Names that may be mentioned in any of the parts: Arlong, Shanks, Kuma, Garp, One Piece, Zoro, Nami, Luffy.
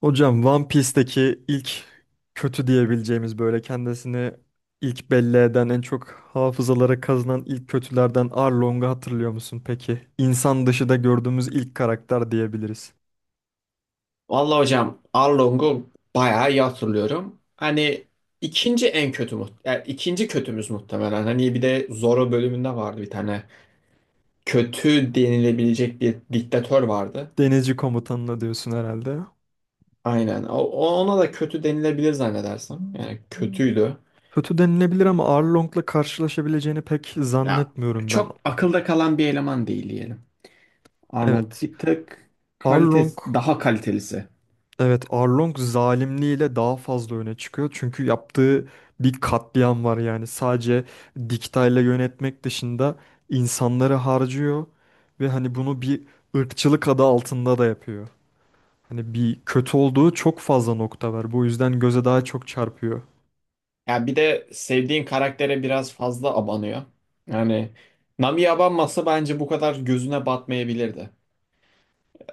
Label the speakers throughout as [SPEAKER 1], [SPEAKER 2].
[SPEAKER 1] Hocam One Piece'teki ilk kötü diyebileceğimiz böyle kendisini ilk belli eden en çok hafızalara kazınan ilk kötülerden Arlong'u hatırlıyor musun peki? İnsan dışı da gördüğümüz ilk karakter diyebiliriz.
[SPEAKER 2] Vallahi hocam Arlong'u bayağı iyi hatırlıyorum. Hani ikinci kötümüz muhtemelen. Hani bir de Zorro bölümünde vardı bir tane. Kötü denilebilecek bir diktatör vardı.
[SPEAKER 1] Denizci komutanına diyorsun herhalde.
[SPEAKER 2] Aynen. Ona da kötü denilebilir zannedersem. Yani kötüydü.
[SPEAKER 1] Kötü denilebilir ama Arlong'la karşılaşabileceğini pek
[SPEAKER 2] Ya
[SPEAKER 1] zannetmiyorum ben.
[SPEAKER 2] çok akılda kalan bir eleman değil diyelim. Arlong
[SPEAKER 1] Evet.
[SPEAKER 2] bir tek
[SPEAKER 1] Arlong,
[SPEAKER 2] kalitesi daha kalitelisi.
[SPEAKER 1] evet, Arlong zalimliğiyle daha fazla öne çıkıyor. Çünkü yaptığı bir katliam var yani. Sadece diktayla yönetmek dışında insanları harcıyor ve hani bunu bir ırkçılık adı altında da yapıyor. Hani bir kötü olduğu çok fazla nokta var. Bu yüzden göze daha çok çarpıyor.
[SPEAKER 2] Ya bir de sevdiğin karaktere biraz fazla abanıyor. Yani Nami'ye abanmasa bence bu kadar gözüne batmayabilirdi.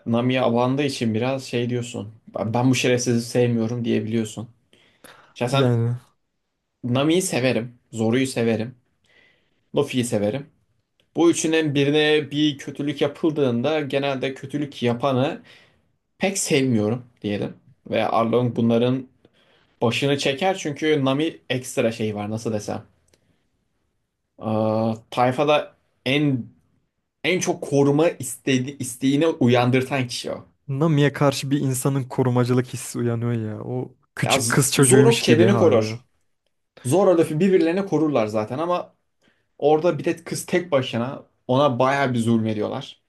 [SPEAKER 2] Nami'ye abandığı için biraz şey diyorsun. Ben bu şerefsizi sevmiyorum diyebiliyorsun. Şahsen
[SPEAKER 1] Yani
[SPEAKER 2] Nami'yi severim. Zoru'yu severim. Luffy'yi severim. Bu üçünün birine bir kötülük yapıldığında genelde kötülük yapanı pek sevmiyorum diyelim. Ve Arlong bunların başını çeker çünkü Nami ekstra şey var nasıl desem. Ee, Tayfada en en çok koruma istedi, isteğini uyandırtan kişi o.
[SPEAKER 1] Nami'ye karşı bir insanın korumacılık hissi uyanıyor ya. O küçük kız
[SPEAKER 2] Zoro
[SPEAKER 1] çocuğuymuş gibi
[SPEAKER 2] kendini
[SPEAKER 1] hali o.
[SPEAKER 2] korur. Zoro Luffy birbirlerini korurlar zaten ama orada bir de kız tek başına ona bayağı bir zulmediyorlar.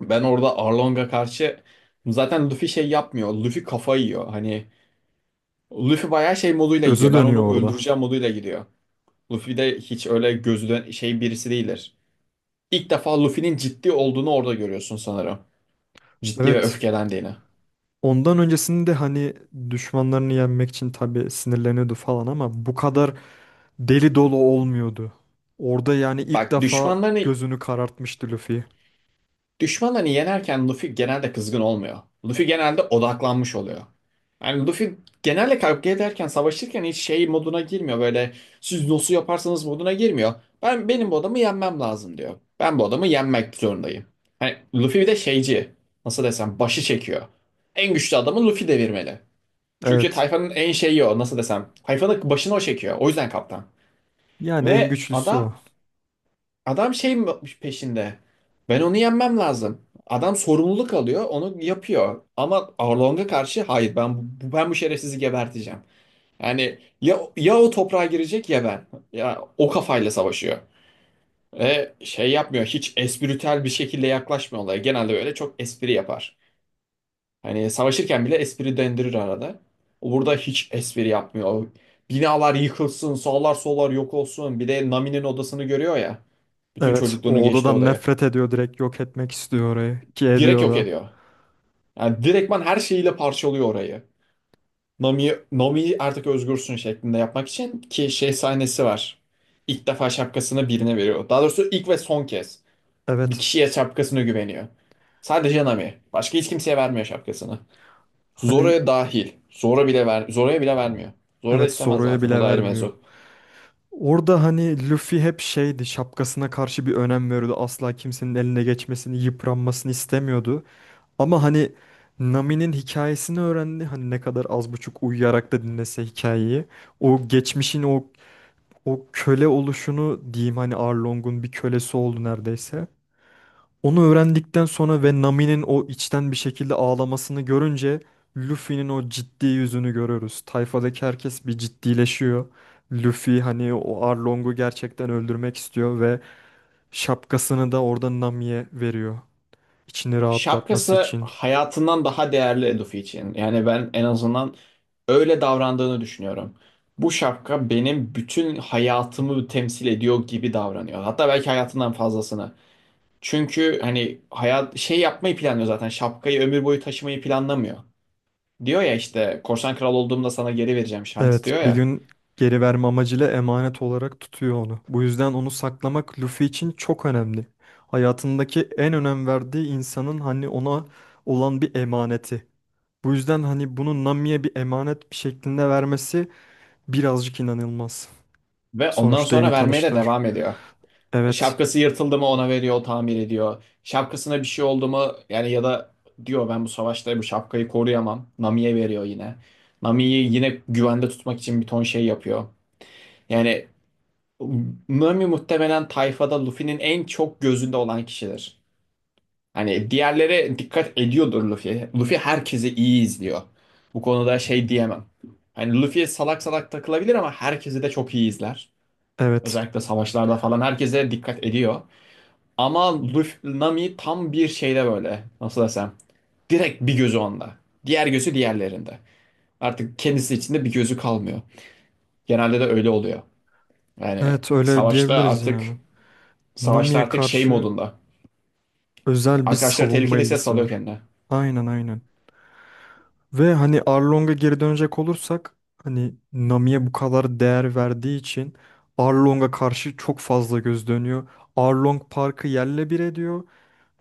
[SPEAKER 2] Ben orada Arlong'a karşı zaten Luffy şey yapmıyor. Luffy kafa yiyor. Hani Luffy bayağı şey moduyla
[SPEAKER 1] Gözü
[SPEAKER 2] gidiyor. Ben
[SPEAKER 1] dönüyor
[SPEAKER 2] onu
[SPEAKER 1] orada.
[SPEAKER 2] öldüreceğim moduyla gidiyor. Luffy de hiç öyle gözüden şey birisi değildir. İlk defa Luffy'nin ciddi olduğunu orada görüyorsun sanırım. Ciddi ve
[SPEAKER 1] Evet.
[SPEAKER 2] öfkelendiğini.
[SPEAKER 1] Ondan öncesinde hani düşmanlarını yenmek için tabii sinirleniyordu falan ama bu kadar deli dolu olmuyordu. Orada yani ilk
[SPEAKER 2] Bak
[SPEAKER 1] defa
[SPEAKER 2] düşmanlarını
[SPEAKER 1] gözünü karartmıştı Luffy.
[SPEAKER 2] düşmanlarını yenerken Luffy genelde kızgın olmuyor. Luffy genelde odaklanmış oluyor. Yani Luffy genelde kavga ederken, savaşırken hiç şey moduna girmiyor. Böyle siz nasıl yaparsanız moduna girmiyor. Benim bu adamı yenmem lazım diyor. Ben bu adamı yenmek zorundayım. Hani Luffy bir de şeyci. Nasıl desem başı çekiyor. En güçlü adamı Luffy devirmeli. Çünkü
[SPEAKER 1] Evet.
[SPEAKER 2] tayfanın en şeyi o nasıl desem. Tayfanın başını o çekiyor. O yüzden kaptan.
[SPEAKER 1] Yani en
[SPEAKER 2] Ve
[SPEAKER 1] güçlüsü o.
[SPEAKER 2] adam şey mi peşinde. Ben onu yenmem lazım. Adam sorumluluk alıyor, onu yapıyor. Ama Arlong'a karşı hayır ben bu şerefsizi geberteceğim. Yani ya o toprağa girecek ya ben. Ya o kafayla savaşıyor. Ve şey yapmıyor. Hiç espritüel bir şekilde yaklaşmıyor olaya. Genelde böyle çok espri yapar. Hani savaşırken bile espri dendirir arada. O burada hiç espri yapmıyor. O binalar yıkılsın, sağlar sollar yok olsun. Bir de Nami'nin odasını görüyor ya. Bütün
[SPEAKER 1] Evet,
[SPEAKER 2] çocukluğunun
[SPEAKER 1] o
[SPEAKER 2] geçtiği
[SPEAKER 1] odadan
[SPEAKER 2] odayı.
[SPEAKER 1] nefret ediyor, direkt yok etmek istiyor orayı ki
[SPEAKER 2] Direkt
[SPEAKER 1] ediyor
[SPEAKER 2] yok
[SPEAKER 1] da.
[SPEAKER 2] ediyor. Yani direktman her şeyiyle parçalıyor orayı. Nami artık özgürsün şeklinde yapmak için ki şey sahnesi var. İlk defa şapkasını birine veriyor. Daha doğrusu ilk ve son kez. Bir
[SPEAKER 1] Evet.
[SPEAKER 2] kişiye şapkasını güveniyor. Sadece Nami. Başka hiç kimseye vermiyor şapkasını.
[SPEAKER 1] Hani
[SPEAKER 2] Zora'ya dahil. Zora'ya bile vermiyor. Zora da
[SPEAKER 1] evet,
[SPEAKER 2] istemez
[SPEAKER 1] Zoro'ya
[SPEAKER 2] zaten. O
[SPEAKER 1] bile
[SPEAKER 2] da ayrı
[SPEAKER 1] vermiyor.
[SPEAKER 2] mevzu.
[SPEAKER 1] Orada hani Luffy hep şeydi, şapkasına karşı bir önem veriyordu. Asla kimsenin eline geçmesini, yıpranmasını istemiyordu. Ama hani Nami'nin hikayesini öğrendi. Hani ne kadar az buçuk uyuyarak da dinlese hikayeyi. O geçmişin o köle oluşunu diyeyim, hani Arlong'un bir kölesi oldu neredeyse. Onu öğrendikten sonra ve Nami'nin o içten bir şekilde ağlamasını görünce Luffy'nin o ciddi yüzünü görüyoruz. Tayfadaki herkes bir ciddileşiyor. Luffy hani o Arlong'u gerçekten öldürmek istiyor ve şapkasını da orada Nami'ye veriyor. İçini rahatlatması
[SPEAKER 2] Şapkası
[SPEAKER 1] için.
[SPEAKER 2] hayatından daha değerli Luffy için. Yani ben en azından öyle davrandığını düşünüyorum. Bu şapka benim bütün hayatımı temsil ediyor gibi davranıyor. Hatta belki hayatından fazlasını. Çünkü hani hayat şey yapmayı planlıyor zaten. Şapkayı ömür boyu taşımayı planlamıyor. Diyor ya işte korsan kral olduğumda sana geri vereceğim Shanks
[SPEAKER 1] Evet,
[SPEAKER 2] diyor
[SPEAKER 1] bir
[SPEAKER 2] ya.
[SPEAKER 1] gün geri verme amacıyla emanet olarak tutuyor onu. Bu yüzden onu saklamak Luffy için çok önemli. Hayatındaki en önem verdiği insanın hani ona olan bir emaneti. Bu yüzden hani bunu Nami'ye bir emanet bir şeklinde vermesi birazcık inanılmaz.
[SPEAKER 2] Ve ondan
[SPEAKER 1] Sonuçta
[SPEAKER 2] sonra
[SPEAKER 1] yeni
[SPEAKER 2] vermeye de
[SPEAKER 1] tanıştılar.
[SPEAKER 2] devam ediyor.
[SPEAKER 1] Evet,
[SPEAKER 2] Şapkası yırtıldı mı ona veriyor, o tamir ediyor. Şapkasına bir şey oldu mu yani ya da diyor ben bu savaşta bu şapkayı koruyamam. Nami'ye veriyor yine. Nami'yi yine güvende tutmak için bir ton şey yapıyor. Yani Nami muhtemelen tayfada Luffy'nin en çok gözünde olan kişidir. Hani diğerlere dikkat ediyordur Luffy. Luffy herkesi iyi izliyor. Bu konuda şey diyemem. Hani Luffy salak salak takılabilir ama herkesi de çok iyi izler.
[SPEAKER 1] evet,
[SPEAKER 2] Özellikle savaşlarda falan herkese dikkat ediyor. Ama Luffy Nami tam bir şeyde böyle. Nasıl desem. Direkt bir gözü onda. Diğer gözü diğerlerinde. Artık kendisi içinde bir gözü kalmıyor. Genelde de öyle oluyor. Yani
[SPEAKER 1] evet, öyle
[SPEAKER 2] savaşta
[SPEAKER 1] diyebiliriz
[SPEAKER 2] artık
[SPEAKER 1] yani.
[SPEAKER 2] Savaşta
[SPEAKER 1] Nami'ye
[SPEAKER 2] artık şey
[SPEAKER 1] karşı
[SPEAKER 2] modunda.
[SPEAKER 1] özel bir
[SPEAKER 2] Arkadaşlar
[SPEAKER 1] savunma
[SPEAKER 2] tehlikedeyse
[SPEAKER 1] ilgisi
[SPEAKER 2] salıyor
[SPEAKER 1] var.
[SPEAKER 2] kendine.
[SPEAKER 1] Aynen, aynen. Ve hani Arlong'a geri dönecek olursak hani Nami'ye bu kadar değer verdiği için Arlong'a karşı çok fazla göz dönüyor. Arlong Park'ı yerle bir ediyor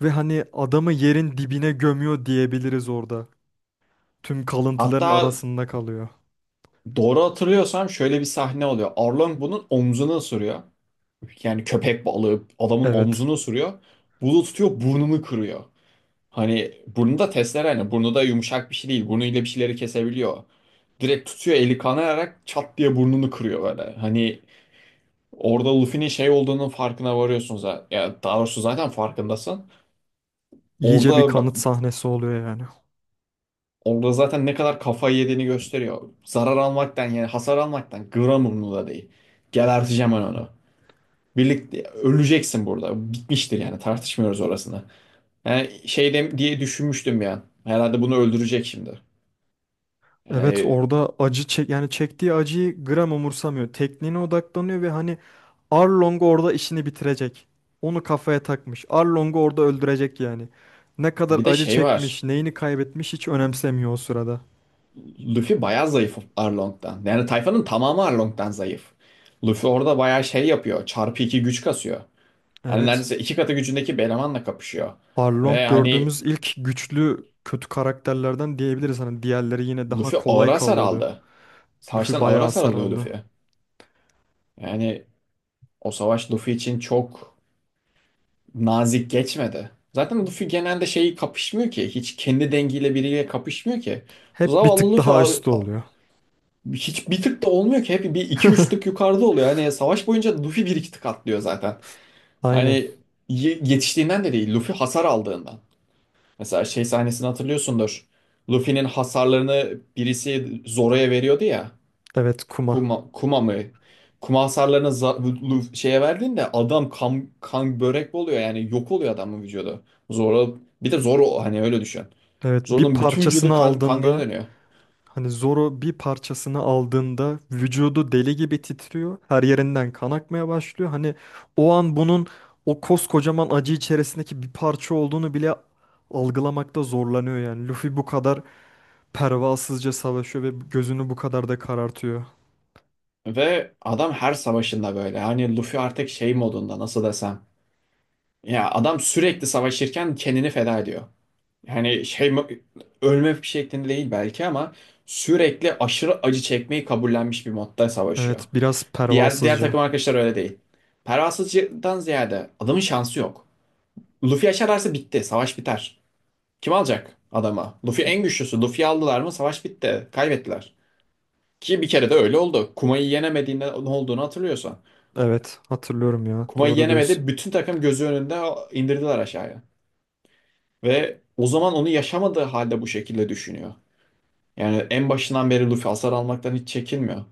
[SPEAKER 1] ve hani adamı yerin dibine gömüyor diyebiliriz orada. Tüm kalıntıların
[SPEAKER 2] Hatta
[SPEAKER 1] arasında kalıyor.
[SPEAKER 2] doğru hatırlıyorsam şöyle bir sahne oluyor. Arlong bunun omzunu ısırıyor. Yani köpek balığı adamın
[SPEAKER 1] Evet.
[SPEAKER 2] omzunu ısırıyor. Bunu tutuyor burnunu kırıyor. Hani burnu da testere Hani burnu da yumuşak bir şey değil. Burnuyla bir şeyleri kesebiliyor. Direkt tutuyor eli kanayarak çat diye burnunu kırıyor böyle. Hani orada Luffy'nin şey olduğunun farkına varıyorsun zaten. Ya daha doğrusu zaten farkındasın.
[SPEAKER 1] İyice bir
[SPEAKER 2] Orada
[SPEAKER 1] kanıt sahnesi oluyor yani.
[SPEAKER 2] orada zaten ne kadar kafayı yediğini gösteriyor. Zarar almaktan yani hasar almaktan gram umurunda değil. Geberteceğim ben onu. Birlikte öleceksin burada. Bitmiştir yani tartışmıyoruz orasını. Yani diye düşünmüştüm ya. Herhalde bunu öldürecek şimdi.
[SPEAKER 1] Evet,
[SPEAKER 2] Yani
[SPEAKER 1] orada acı çek yani, çektiği acıyı gram umursamıyor. Tekniğine odaklanıyor ve hani Arlong orada işini bitirecek. Onu kafaya takmış. Arlong'u orada öldürecek yani. Ne kadar
[SPEAKER 2] bir de
[SPEAKER 1] acı
[SPEAKER 2] şey
[SPEAKER 1] çekmiş,
[SPEAKER 2] var.
[SPEAKER 1] neyini kaybetmiş hiç önemsemiyor o sırada.
[SPEAKER 2] Luffy bayağı zayıf Arlong'dan. Yani tayfanın tamamı Arlong'dan zayıf. Luffy orada bayağı şey yapıyor. Çarpı iki güç kasıyor. Hani
[SPEAKER 1] Evet.
[SPEAKER 2] neredeyse iki katı gücündeki bir elemanla kapışıyor.
[SPEAKER 1] Arlong
[SPEAKER 2] Ve hani
[SPEAKER 1] gördüğümüz ilk güçlü kötü karakterlerden diyebiliriz. Hani diğerleri yine daha
[SPEAKER 2] Luffy ağır
[SPEAKER 1] kolay
[SPEAKER 2] hasar
[SPEAKER 1] kalıyordu.
[SPEAKER 2] aldı.
[SPEAKER 1] Luffy
[SPEAKER 2] Savaştan ağır
[SPEAKER 1] bayağı
[SPEAKER 2] hasar
[SPEAKER 1] hasar
[SPEAKER 2] alıyor
[SPEAKER 1] aldı.
[SPEAKER 2] Luffy. Yani o savaş Luffy için çok nazik geçmedi. Zaten Luffy genelde şeyi kapışmıyor ki. Hiç kendi dengiyle biriyle kapışmıyor ki.
[SPEAKER 1] Hep bir
[SPEAKER 2] Zavallı
[SPEAKER 1] tık daha üstü oluyor.
[SPEAKER 2] Hiç bir tık da olmuyor ki. Hep bir iki üç tık yukarıda oluyor. Hani savaş boyunca Luffy bir iki tık atlıyor zaten. Hani
[SPEAKER 1] Aynen.
[SPEAKER 2] yetiştiğinden de değil, Luffy hasar aldığından. Mesela şey sahnesini hatırlıyorsundur. Luffy'nin hasarlarını birisi Zoro'ya veriyordu ya.
[SPEAKER 1] Evet, kuma.
[SPEAKER 2] Kuma mı? Kuma hasarlarını za- Luffy, Şeye verdiğinde adam kan, kan börek oluyor yani yok oluyor adamın vücudu. Zoro bir de Zoro hani öyle düşün.
[SPEAKER 1] Evet, bir
[SPEAKER 2] Zoro'nun bütün
[SPEAKER 1] parçasını
[SPEAKER 2] vücudu kan, kan gölüne
[SPEAKER 1] aldığında
[SPEAKER 2] dönüyor.
[SPEAKER 1] hani Zoro bir parçasını aldığında vücudu deli gibi titriyor. Her yerinden kan akmaya başlıyor. Hani o an bunun o koskocaman acı içerisindeki bir parça olduğunu bile algılamakta zorlanıyor yani. Luffy bu kadar pervasızca savaşıyor ve gözünü bu kadar da karartıyor.
[SPEAKER 2] Ve adam her savaşında böyle. Hani Luffy artık şey modunda nasıl desem. Ya adam sürekli savaşırken kendini feda ediyor. Yani şey ölme şeklinde değil belki ama sürekli aşırı acı çekmeyi kabullenmiş bir modda savaşıyor.
[SPEAKER 1] Evet, biraz
[SPEAKER 2] Diğer
[SPEAKER 1] pervasızca.
[SPEAKER 2] takım arkadaşlar öyle değil. Pervasızcıdan ziyade adamın şansı yok. Luffy aşararsa bitti. Savaş biter. Kim alacak adama? Luffy en güçlüsü. Luffy'yi aldılar mı savaş bitti. Kaybettiler. Ki bir kere de öyle oldu. Kuma'yı yenemediğinde ne olduğunu hatırlıyorsan.
[SPEAKER 1] Evet, hatırlıyorum ya,
[SPEAKER 2] Kuma'yı
[SPEAKER 1] doğru diyorsun.
[SPEAKER 2] yenemedi. Bütün takım gözü önünde indirdiler aşağıya. Ve o zaman onu yaşamadığı halde bu şekilde düşünüyor. Yani en başından beri Luffy hasar almaktan hiç çekinmiyor.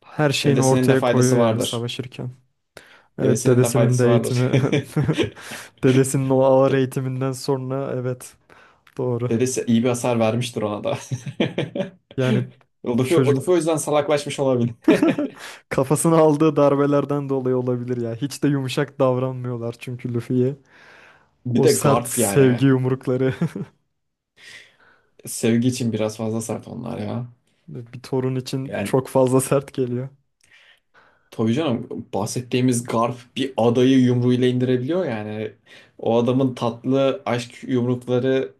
[SPEAKER 1] Her şeyini
[SPEAKER 2] Dedesinin de
[SPEAKER 1] ortaya koyuyor
[SPEAKER 2] faydası
[SPEAKER 1] yani
[SPEAKER 2] vardır.
[SPEAKER 1] savaşırken. Evet,
[SPEAKER 2] Dedesinin de
[SPEAKER 1] dedesinin
[SPEAKER 2] faydası
[SPEAKER 1] de
[SPEAKER 2] vardır.
[SPEAKER 1] eğitimi. Dedesinin o ağır
[SPEAKER 2] De-
[SPEAKER 1] eğitiminden sonra, evet, doğru.
[SPEAKER 2] Dedesi iyi bir hasar vermiştir ona da.
[SPEAKER 1] Yani
[SPEAKER 2] Luffy,
[SPEAKER 1] çocuk
[SPEAKER 2] Luffy o yüzden salaklaşmış olabilir.
[SPEAKER 1] kafasına aldığı darbelerden dolayı olabilir ya. Hiç de yumuşak davranmıyorlar çünkü Luffy'ye.
[SPEAKER 2] Bir
[SPEAKER 1] O
[SPEAKER 2] de
[SPEAKER 1] sert
[SPEAKER 2] Garp yani.
[SPEAKER 1] sevgi yumrukları.
[SPEAKER 2] Sevgi için biraz fazla sert onlar ya.
[SPEAKER 1] Bir torun için
[SPEAKER 2] Yani
[SPEAKER 1] çok fazla sert geliyor.
[SPEAKER 2] tabii canım bahsettiğimiz Garp bir adayı yumruğuyla indirebiliyor yani. O adamın tatlı aşk yumrukları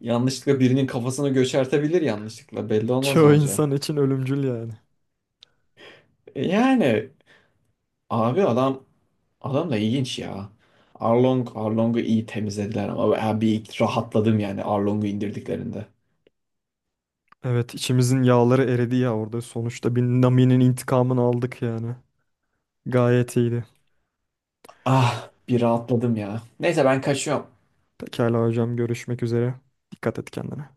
[SPEAKER 2] yanlışlıkla birinin kafasını göçertebilir yanlışlıkla. Belli olmaz ne
[SPEAKER 1] Çoğu
[SPEAKER 2] olacağı.
[SPEAKER 1] insan için ölümcül yani.
[SPEAKER 2] Yani abi adam da ilginç ya. Arlong'u iyi temizlediler ama ben bir rahatladım yani Arlong'u indirdiklerinde.
[SPEAKER 1] Evet, içimizin yağları eridi ya orada. Sonuçta bir Nami'nin intikamını aldık yani. Gayet iyiydi.
[SPEAKER 2] Ah bir rahatladım ya. Neyse ben kaçıyorum.
[SPEAKER 1] Pekala hocam, görüşmek üzere. Dikkat et kendine.